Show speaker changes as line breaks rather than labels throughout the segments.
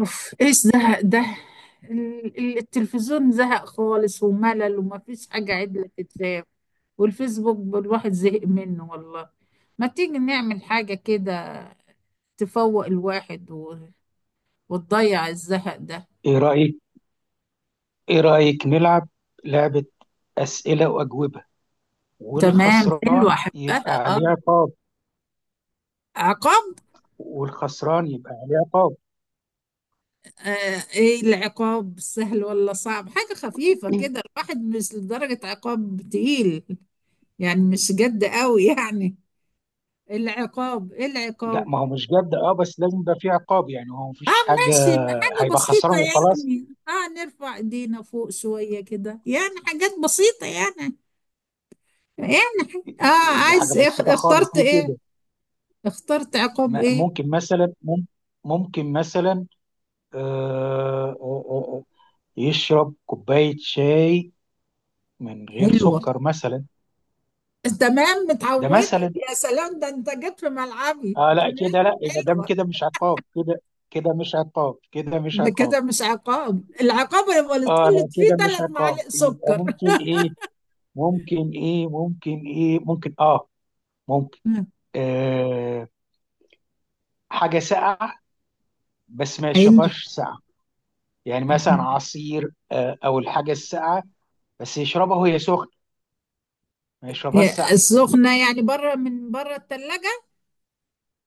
اوف، ايش زهق ده. التلفزيون زهق خالص وملل وما فيش حاجة عدلة تتلعب، والفيسبوك الواحد زهق منه والله. ما تيجي نعمل حاجة كده؟ تفوق الواحد وتضيع الزهق ده.
ايه رأيك ايه رأيك نلعب لعبة أسئلة وأجوبة،
تمام، حلوة
والخسران يبقى
أحبها،
عليه
اه.
عقاب.
عقاب؟
والخسران يبقى عليه عقاب
آه، ايه العقاب؟ سهل ولا صعب؟ حاجة خفيفة كده الواحد، مش لدرجة عقاب تقيل، يعني مش جد قوي يعني. العقاب، ايه
لا،
العقاب؟
ما هو مش جد، بس لازم يبقى فيه عقاب، يعني هو
اه
مفيش حاجة.
ماشي، حاجة
هيبقى خسران
بسيطة
وخلاص.
يعني، اه نرفع ايدينا فوق شوية كده، يعني حاجات بسيطة يعني. يعني. اه.
دي حاجة
عايز ايه؟
بسيطة
اخترت
خالص، ليه
ايه؟
كده؟
اخترت عقاب
ما-
ايه؟
ممكن مثلا مم- ممكن مثلا آه، آه، آه، آه، يشرب كوباية شاي من غير
حلوة.
سكر مثلا.
تمام
ده
متعودة،
مثلا.
يا سلام، ده انت جيت في ملعبي.
اه لا،
تمام.
كده لا، يبقى ده
حلوة.
كده مش عقاب. كده مش
ده
عقاب.
كده مش عقاب، العقاب يبقى اللي تقول
اه
لي
لا،
فيه
كده مش
ثلاث
عقاب،
معالق
يبقى
سكر
ممكن ايه؟ ممكن ايه ممكن ايه ممكن اه ممكن آه حاجة ساقعة، بس ما
حلو.
يشربهاش ساقعة. يعني مثلا
يعني
عصير، او الحاجة الساقعة، بس يشربها وهي سخنة، ما يشربهاش
إيه،
ساقعة.
السخنة يعني بره، من بره الثلاجة.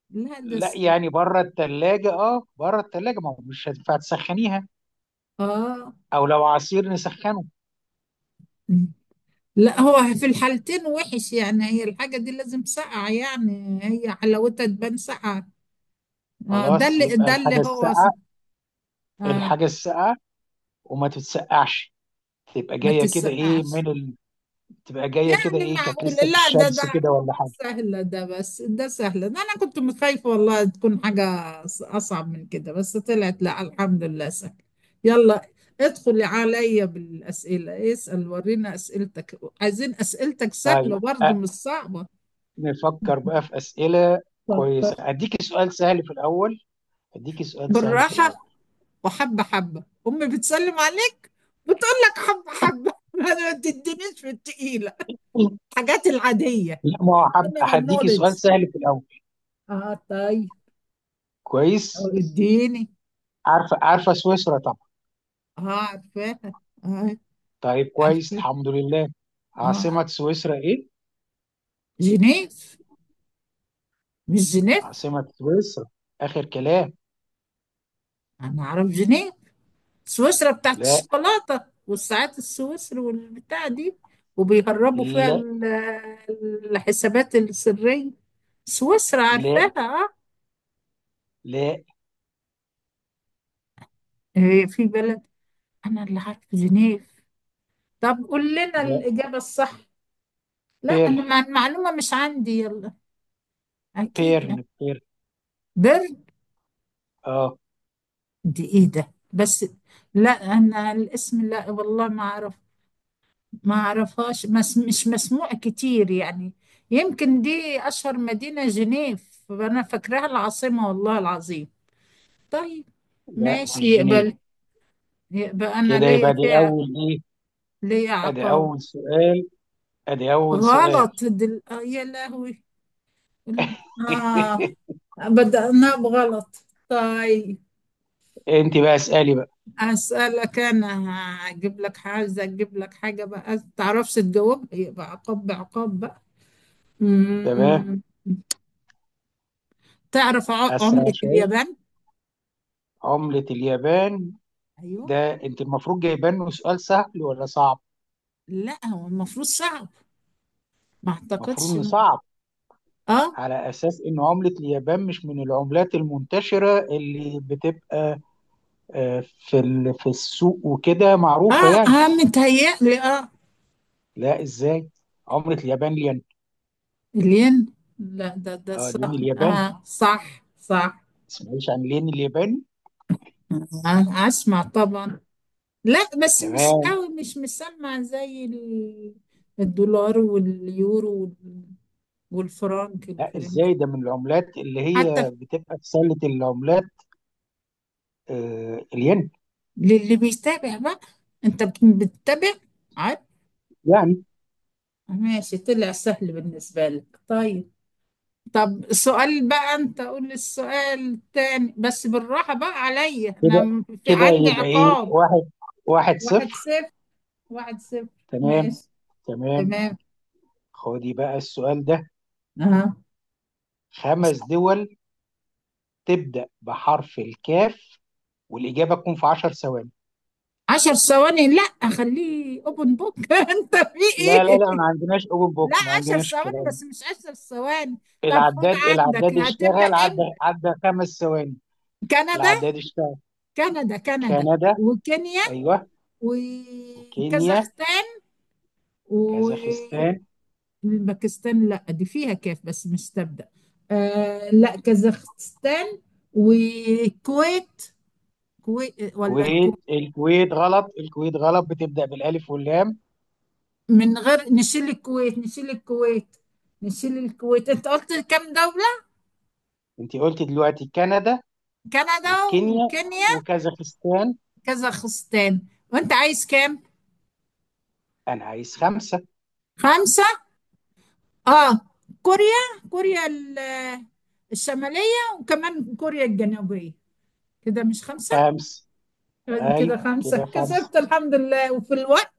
لا ده
لا، يعني بره الثلاجة، بره الثلاجة، ما هو مش هتنفع تسخنيها،
اه
او لو عصير نسخنه.
لا، هو في الحالتين وحش يعني، هي الحاجة دي لازم ساقعة، يعني هي حلاوتها تبان ساقعة. آه، ده
خلاص
اللي
يبقى
ده اللي
الحاجة
هو
الساقعة.
آه.
الحاجة الساقعة وما تتسقعش، تبقى
ما
جايه كده ايه
تتسقعش.
من ال... تبقى جايه كده
يعني
ايه، كانت
معقول؟
لسه في
لا، ده
الشمس كده ولا
عقبات
حاجه.
سهلة، ده بس ده سهلة ده. أنا كنت متخايفة والله تكون حاجة أصعب من كده، بس طلعت، لا الحمد لله سهل. يلا ادخلي عليا بالأسئلة، اسأل ورينا أسئلتك، عايزين أسئلتك سهلة
طيب
برضه مش صعبة
نفكر بقى
يعني.
في اسئله
فكر
كويسه. اديكي سؤال سهل في الاول. اديكي سؤال سهل في الاول
بالراحة. وحبة حبة أمي بتسلم عليك، بتقول لك حبة حبة ما تدينيش في التقيلة، الحاجات العادية.
لا، ما هو
General
هديكي سؤال
knowledge،
سهل في الاول.
اه طيب. أو
كويس.
اديني.
عارفه سويسرا طبعا.
اه عارفاها، اه
طيب كويس،
عارفاها،
الحمد لله. عاصمه
اه.
سويسرا ايه؟
جنيف. مش جنيف؟
عاصمه سويسرا اخر كلام.
انا اعرف جنيف، سويسرا بتاعت
لا
الشوكولاتة والساعات السويسري والبتاع دي، وبيهربوا فيها
لا
الحسابات السرية. سويسرا
لا
عارفاها. اه.
لا
إيه في بلد؟ انا اللي عارف جنيف. طب قول لنا
لا.
الاجابه الصح، لا
بيرن
انا المعلومه مش عندي، يلا. اكيد.
بيرن.
برد؟
اه،
دي ايه ده بس؟ لا انا الاسم، لا والله ما اعرف، ما اعرفهاش، مش مسموع كتير يعني. يمكن دي اشهر مدينه، جنيف انا فاكراها العاصمه والله العظيم. طيب
لا
ماشي
مش جنيف.
يقبل، يبقى انا
كده
ليا
يبقى دي
فيها،
اول ايه؟
ليا
ادي
عقاب.
اول سؤال ادي اول سؤال.
غلط، دل... آه، يا لهوي. الم- آه بدأناه بغلط. طيب
انت بقى اسالي بقى.
أسألك أنا، هجيب لك حاجة أجيب لك حاجة بقى، تعرفش تجاوبها يبقى عقاب بعقاب بقى.
تمام.
مم. تعرف
اسرع
عملة
شويه.
اليابان؟
عملة اليابان؟
أيوه.
ده انت المفروض جايبان له سؤال سهل ولا صعب؟
لا هو المفروض صعب، ما
المفروض
أعتقدش
انه
إنه-
صعب،
أه
على اساس ان عملة اليابان مش من العملات المنتشرة اللي بتبقى في في السوق وكده معروفة
أه
يعني.
أه متهيألي، أه.
لا ازاي؟ عملة اليابان الين.
الين؟ لا، ده
اه، الين
صح،
الياباني، ما
صح صح.
تسمعيش عن الين الياباني؟
أه، أسمع طبعا. لا بس مش
تمام.
قوي، مش مسمع زي الدولار واليورو والفرنك
لا
الفرنسي
ازاي، ده من العملات اللي
حتى،
هي بتبقى في سله العملات. آه الين.
للي بيتابع بقى. انت بتتابع عاد.
يعني
ماشي طلع سهل بالنسبة لك، طيب. طب سؤال بقى، انت قول لي السؤال التاني بس بالراحة بقى عليا، انا
كده
في
كده
عندي
يبقى ايه؟
عقاب.
واحد
واحد
صفر.
صفر 1-0
تمام
ماشي.
تمام.
تمام.
خدي بقى السؤال ده.
اه.
خمس دول تبدأ بحرف الكاف، والإجابة تكون في 10 ثواني.
10 ثواني؟ لا خليه اوبن بوك انت في
لا لا
ايه؟
لا، ما عندناش اوبن
لا
بوك، ما
عشر
عندناش
ثواني
الكلام
بس،
ده.
مش 10 ثواني. طب خد
العداد
عندك،
العداد
هتبدأ
اشتغل. عدى
امتى؟
عدى خمس ثواني.
كندا.
العداد اشتغل.
كندا، كندا
كندا.
وكينيا
ايوه. كينيا.
وكازاخستان
كازاخستان.
والباكستان. لا دي فيها كاف بس مش تبدأ. آه لا، كازاخستان والكويت. كويت ولا الكويت؟
كويت، الكويت غلط، بتبدأ بالألف واللام.
من غير، نشيل الكويت، نشيل الكويت، نشيل الكويت. انت قلت كام دولة؟
انت قلت دلوقتي كندا
كندا
وكينيا
وكينيا،
وكازاخستان.
كازاخستان. وانت عايز كام؟
انا عايز خمسة.
خمسة. اه. كوريا، الشمالية، وكمان كوريا الجنوبية. كده مش خمسة؟
خمسة،
كده
ايوه
خمسة،
كده خمسة.
كسبت الحمد لله وفي الوقت،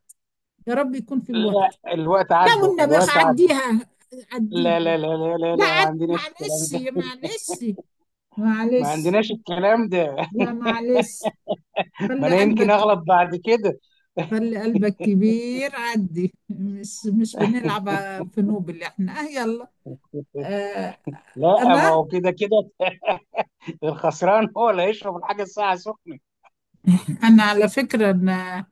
يا رب يكون في الوقت.
لا، الوقت
لا
عدى
والنبي
الوقت عدى
عديها، عدي
لا لا
الوقت.
لا لا لا
لا
لا، ما
عد
عندناش الكلام
معلش،
ده.
معلش،
ما
معلش.
عندناش الكلام ده
لا معلش،
ما
خلي
انا يمكن
قلبك
اغلط
كبير.
بعد كده.
خلي قلبك كبير، عدي، مش بنلعب في نوب، اللي احنا اه يلا. آه.
لا ما
انا،
هو كده كده. الخسران هو اللي هيشرب الحاجة الساعة سخنة.
انا على فكرة،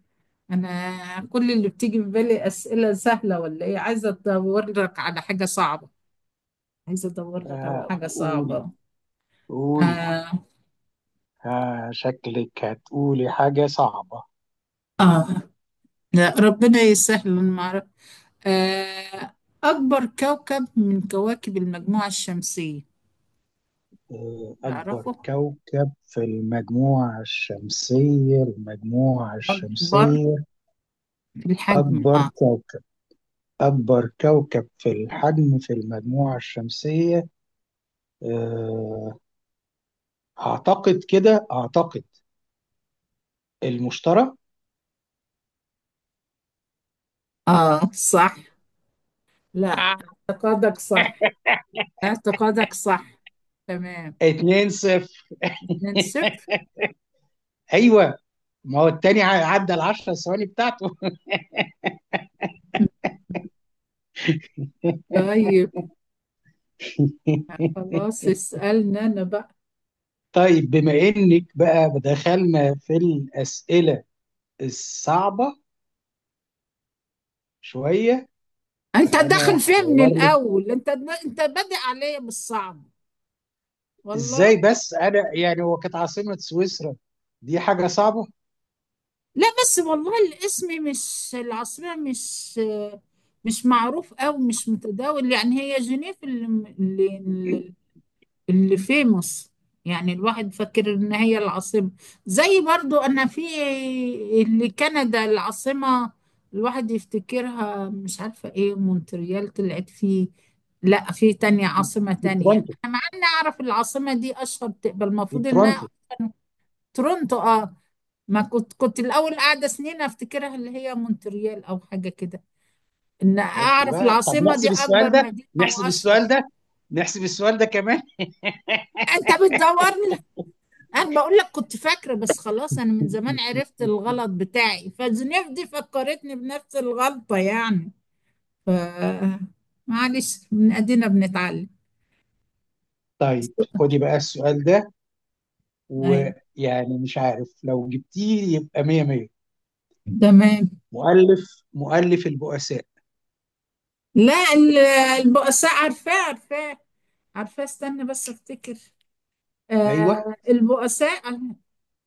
انا كل اللي بتيجي في بالي اسئلة سهلة ولا ايه، عايزة ادور لك على حاجة صعبة، عايزة ادور لك على حاجة
قولي.
صعبة.
قولي
آه,
آه، شكلك هتقولي حاجة صعبة.
اه لا ربنا يسهل، أنا ما اعرف. آه. اكبر كوكب من كواكب المجموعة الشمسية،
آه، أكبر
تعرفه؟
كوكب في المجموعة الشمسية،
اكبر الحجم،
أكبر
اه.
كوكب، في الحجم في المجموعة الشمسية. آه أعتقد كده، المشتري.
اه صح. لا، اعتقادك صح، اعتقادك صح. تمام.
اتنين صفر.
من صفر.
أيوه، ما هو التاني عدى العشر ثواني بتاعته.
طيب خلاص، اسألنا انا بقى.
طيب بما إنك بقى دخلنا في الأسئلة الصعبة شويه.
انت داخل
انا
فيها من
هدور لك.
الاول، انت بادئ عليا بالصعب والله.
ازاي بس، انا يعني هو كانت عاصمه سويسرا دي حاجه صعبه.
لا بس والله الاسم مش، العاصمة مش، مش معروف او مش متداول يعني، هي جنيف اللي اللي في مصر، يعني الواحد فاكر ان هي العاصمة. زي برضو انا في اللي كندا، العاصمة، الواحد يفتكرها، مش عارفة ايه، مونتريال طلعت فيه. لا في تانية، عاصمة
في
تانية،
تورونتو
انا مع اني اعرف العاصمة دي اشهر، تقبل
في
المفروض انها
تورونتو
أشهر. تورونتو، اه. ما كنت الاول قاعدة سنين افتكرها اللي هي مونتريال او حاجة كده، ان
شفتي
اعرف
بقى؟ طب
العاصمة دي
نحسب السؤال
اكبر
ده،
مدينة واشهر.
كمان.
انت بتدور، انا بقول لك كنت فاكره بس خلاص، انا من زمان عرفت الغلط بتاعي، فزنيف دي فكرتني بنفس الغلطه يعني. ف معلش، من ادينا بنتعلم.
طيب، خدي بقى السؤال ده،
ايوه
ويعني مش عارف لو جبتيه يبقى 100-100.
تمام.
مؤلف البؤساء؟
لا ال- البؤساء عارفاه عارفاه، عارفاه استنى بس افتكر.
ايوه،
آه البؤساء.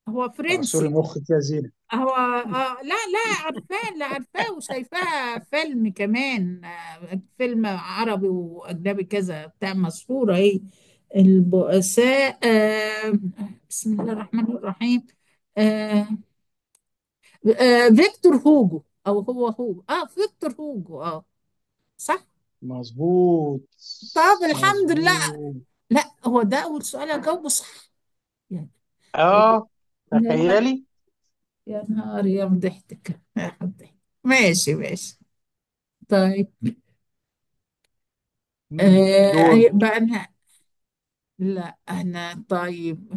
هو
اعصري
فرنسي؟
مخك يا زينة.
هو لا، لا عارفاه، لا عارفاه، وشايفاها فيلم كمان، آه فيلم عربي واجنبي كذا بتاع، مشهوره اهي البؤساء، آه. بسم الله الرحمن الرحيم. آه. آه فيكتور هوجو او هو اه فيكتور هوجو، اه صح.
مظبوط
طب الحمد لله.
مظبوط.
لا هو ده اول سؤال اجاوبه صح يعني. يا
اه،
يا-
تخيلي.
يا نهار، يا مضحتك، يا مضحتك، ماشي ماشي. طيب.
مم. دور
أي بقى أنا، لا أنا طيب،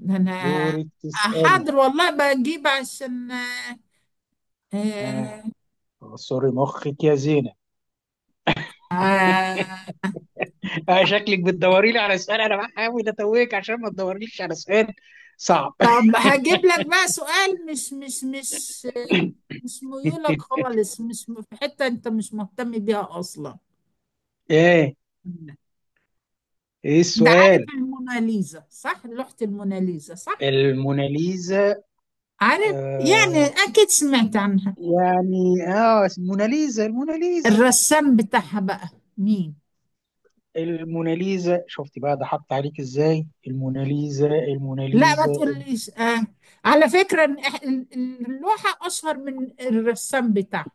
أنا
دورك تسألي.
حاضر والله بجيب عشان،
ها.
آه،
آه. سوري، مخك يا زينة.
آه،
آه، شكلك بتدوري لي على سؤال، انا بحاول اتوهك عشان ما تدوريش على سؤال صعب.
طب هجيب لك بقى سؤال مش مش ميولك خالص، مش في حتة أنت مش مهتم بيها أصلا.
ايه ايه
أنت عارف
السؤال؟
الموناليزا صح؟ لوحة الموناليزا صح؟
الموناليزا.
عارف؟ يعني
آه،
أكيد سمعت عنها.
يعني الموناليزا
الرسام بتاعها بقى، مين؟
الموناليزا. شفتي بقى، ضحكت عليك ازاي؟ الموناليزا
لا ما
الموناليزا
تقوليش. على فكرة إن اللوحة أشهر من الرسام بتاعها،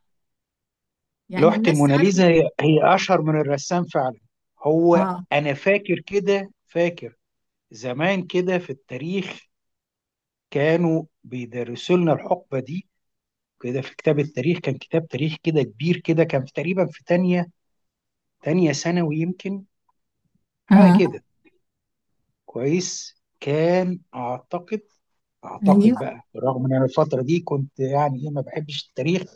يعني
لوحة
الناس تعرف.
الموناليزا هي اشهر من الرسام فعلا. هو
آه.
انا فاكر كده، زمان كده، في التاريخ كانوا بيدرسوا لنا الحقبة دي كده، في كتاب التاريخ. كان كتاب تاريخ كده كبير كده، كان في تقريبا في تانية ثانوي يمكن، حاجة
آه
كده. كويس كان أعتقد،
أيوه.
بقى رغم إن أنا الفترة دي كنت يعني إيه، ما بحبش التاريخ.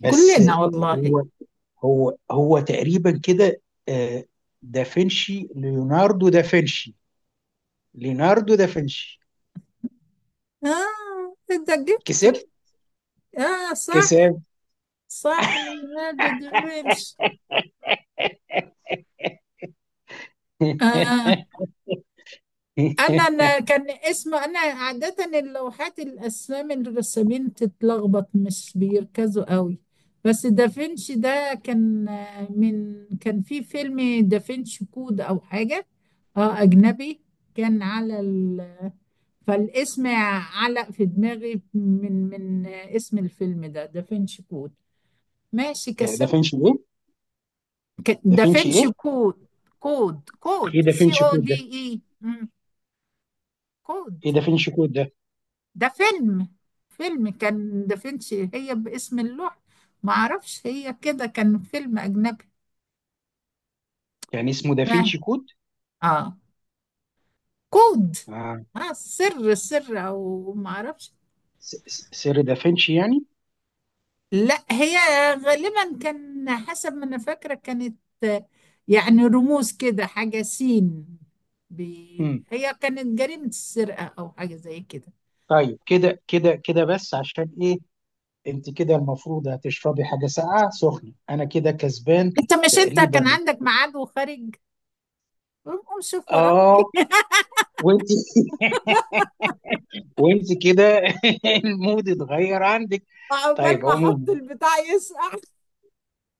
بس
كلنا والله.
هو هو تقريبا كده. آه، دافنشي، ليوناردو دافنشي، ليوناردو دافنشي
آه. أنت جبته،
كسب.
آه صح.
كسب
صح ليوناردو دافنشي. آه. انا أنا كان اسم، انا عاده اللوحات الاسامي الرسامين تتلخبط، مش بيركزوا قوي. بس دافنشي ده كان من كان في فيلم دافنشي كود او حاجه، اه اجنبي، كان على ال، فالاسم علق في دماغي من اسم الفيلم ده دافنشي كود. ماشي كسبت.
دافنشي ايه؟ دافنشي
دافنشي
ايه
كود. كود
ايه
سي
دافنشي
او
كود
دي
ده؟
اي كود.
ايه دافنشي كود ده
ده فيلم، فيلم كان دافنشي هي باسم اللوح، ما اعرفش هي كده، كان فيلم اجنبي.
يعني اسمه
اه.
دافنشي كود؟
آه. كود.
آه.
اه سر او ما اعرفش.
سر دافنشي يعني.
لا هي غالبا كان حسب ما انا فاكره، كانت آه، يعني رموز كده، حاجه سين
امم.
هي كانت جريمه السرقه او حاجه زي كده.
طيب، كده بس عشان ايه؟ انت كده المفروض هتشربي حاجه ساقعه سخنه، انا كده كسبان.
انت مش، انت كان
تقريبا.
عندك ميعاد وخارج، قوم قوم شوف وراك
اه.
ايه.
وانت، وانت كده، المود اتغير عندك.
عقبال
طيب
ما
عموما.
احط البتاع يسقع،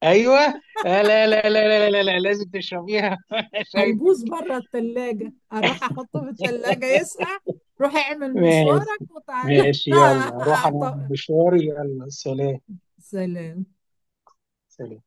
ايوه. لا لا لا لا لا لا لا. لازم تشربيها.
هيبوظ
شايفك.
بره التلاجة، اروح احطه في التلاجة يسقع. روح اعمل مشوارك
ماشي
وتعالى.
ماشي، يلا روح، انا
طب،
مشواري، يلا سلام.
سلام.
سلام.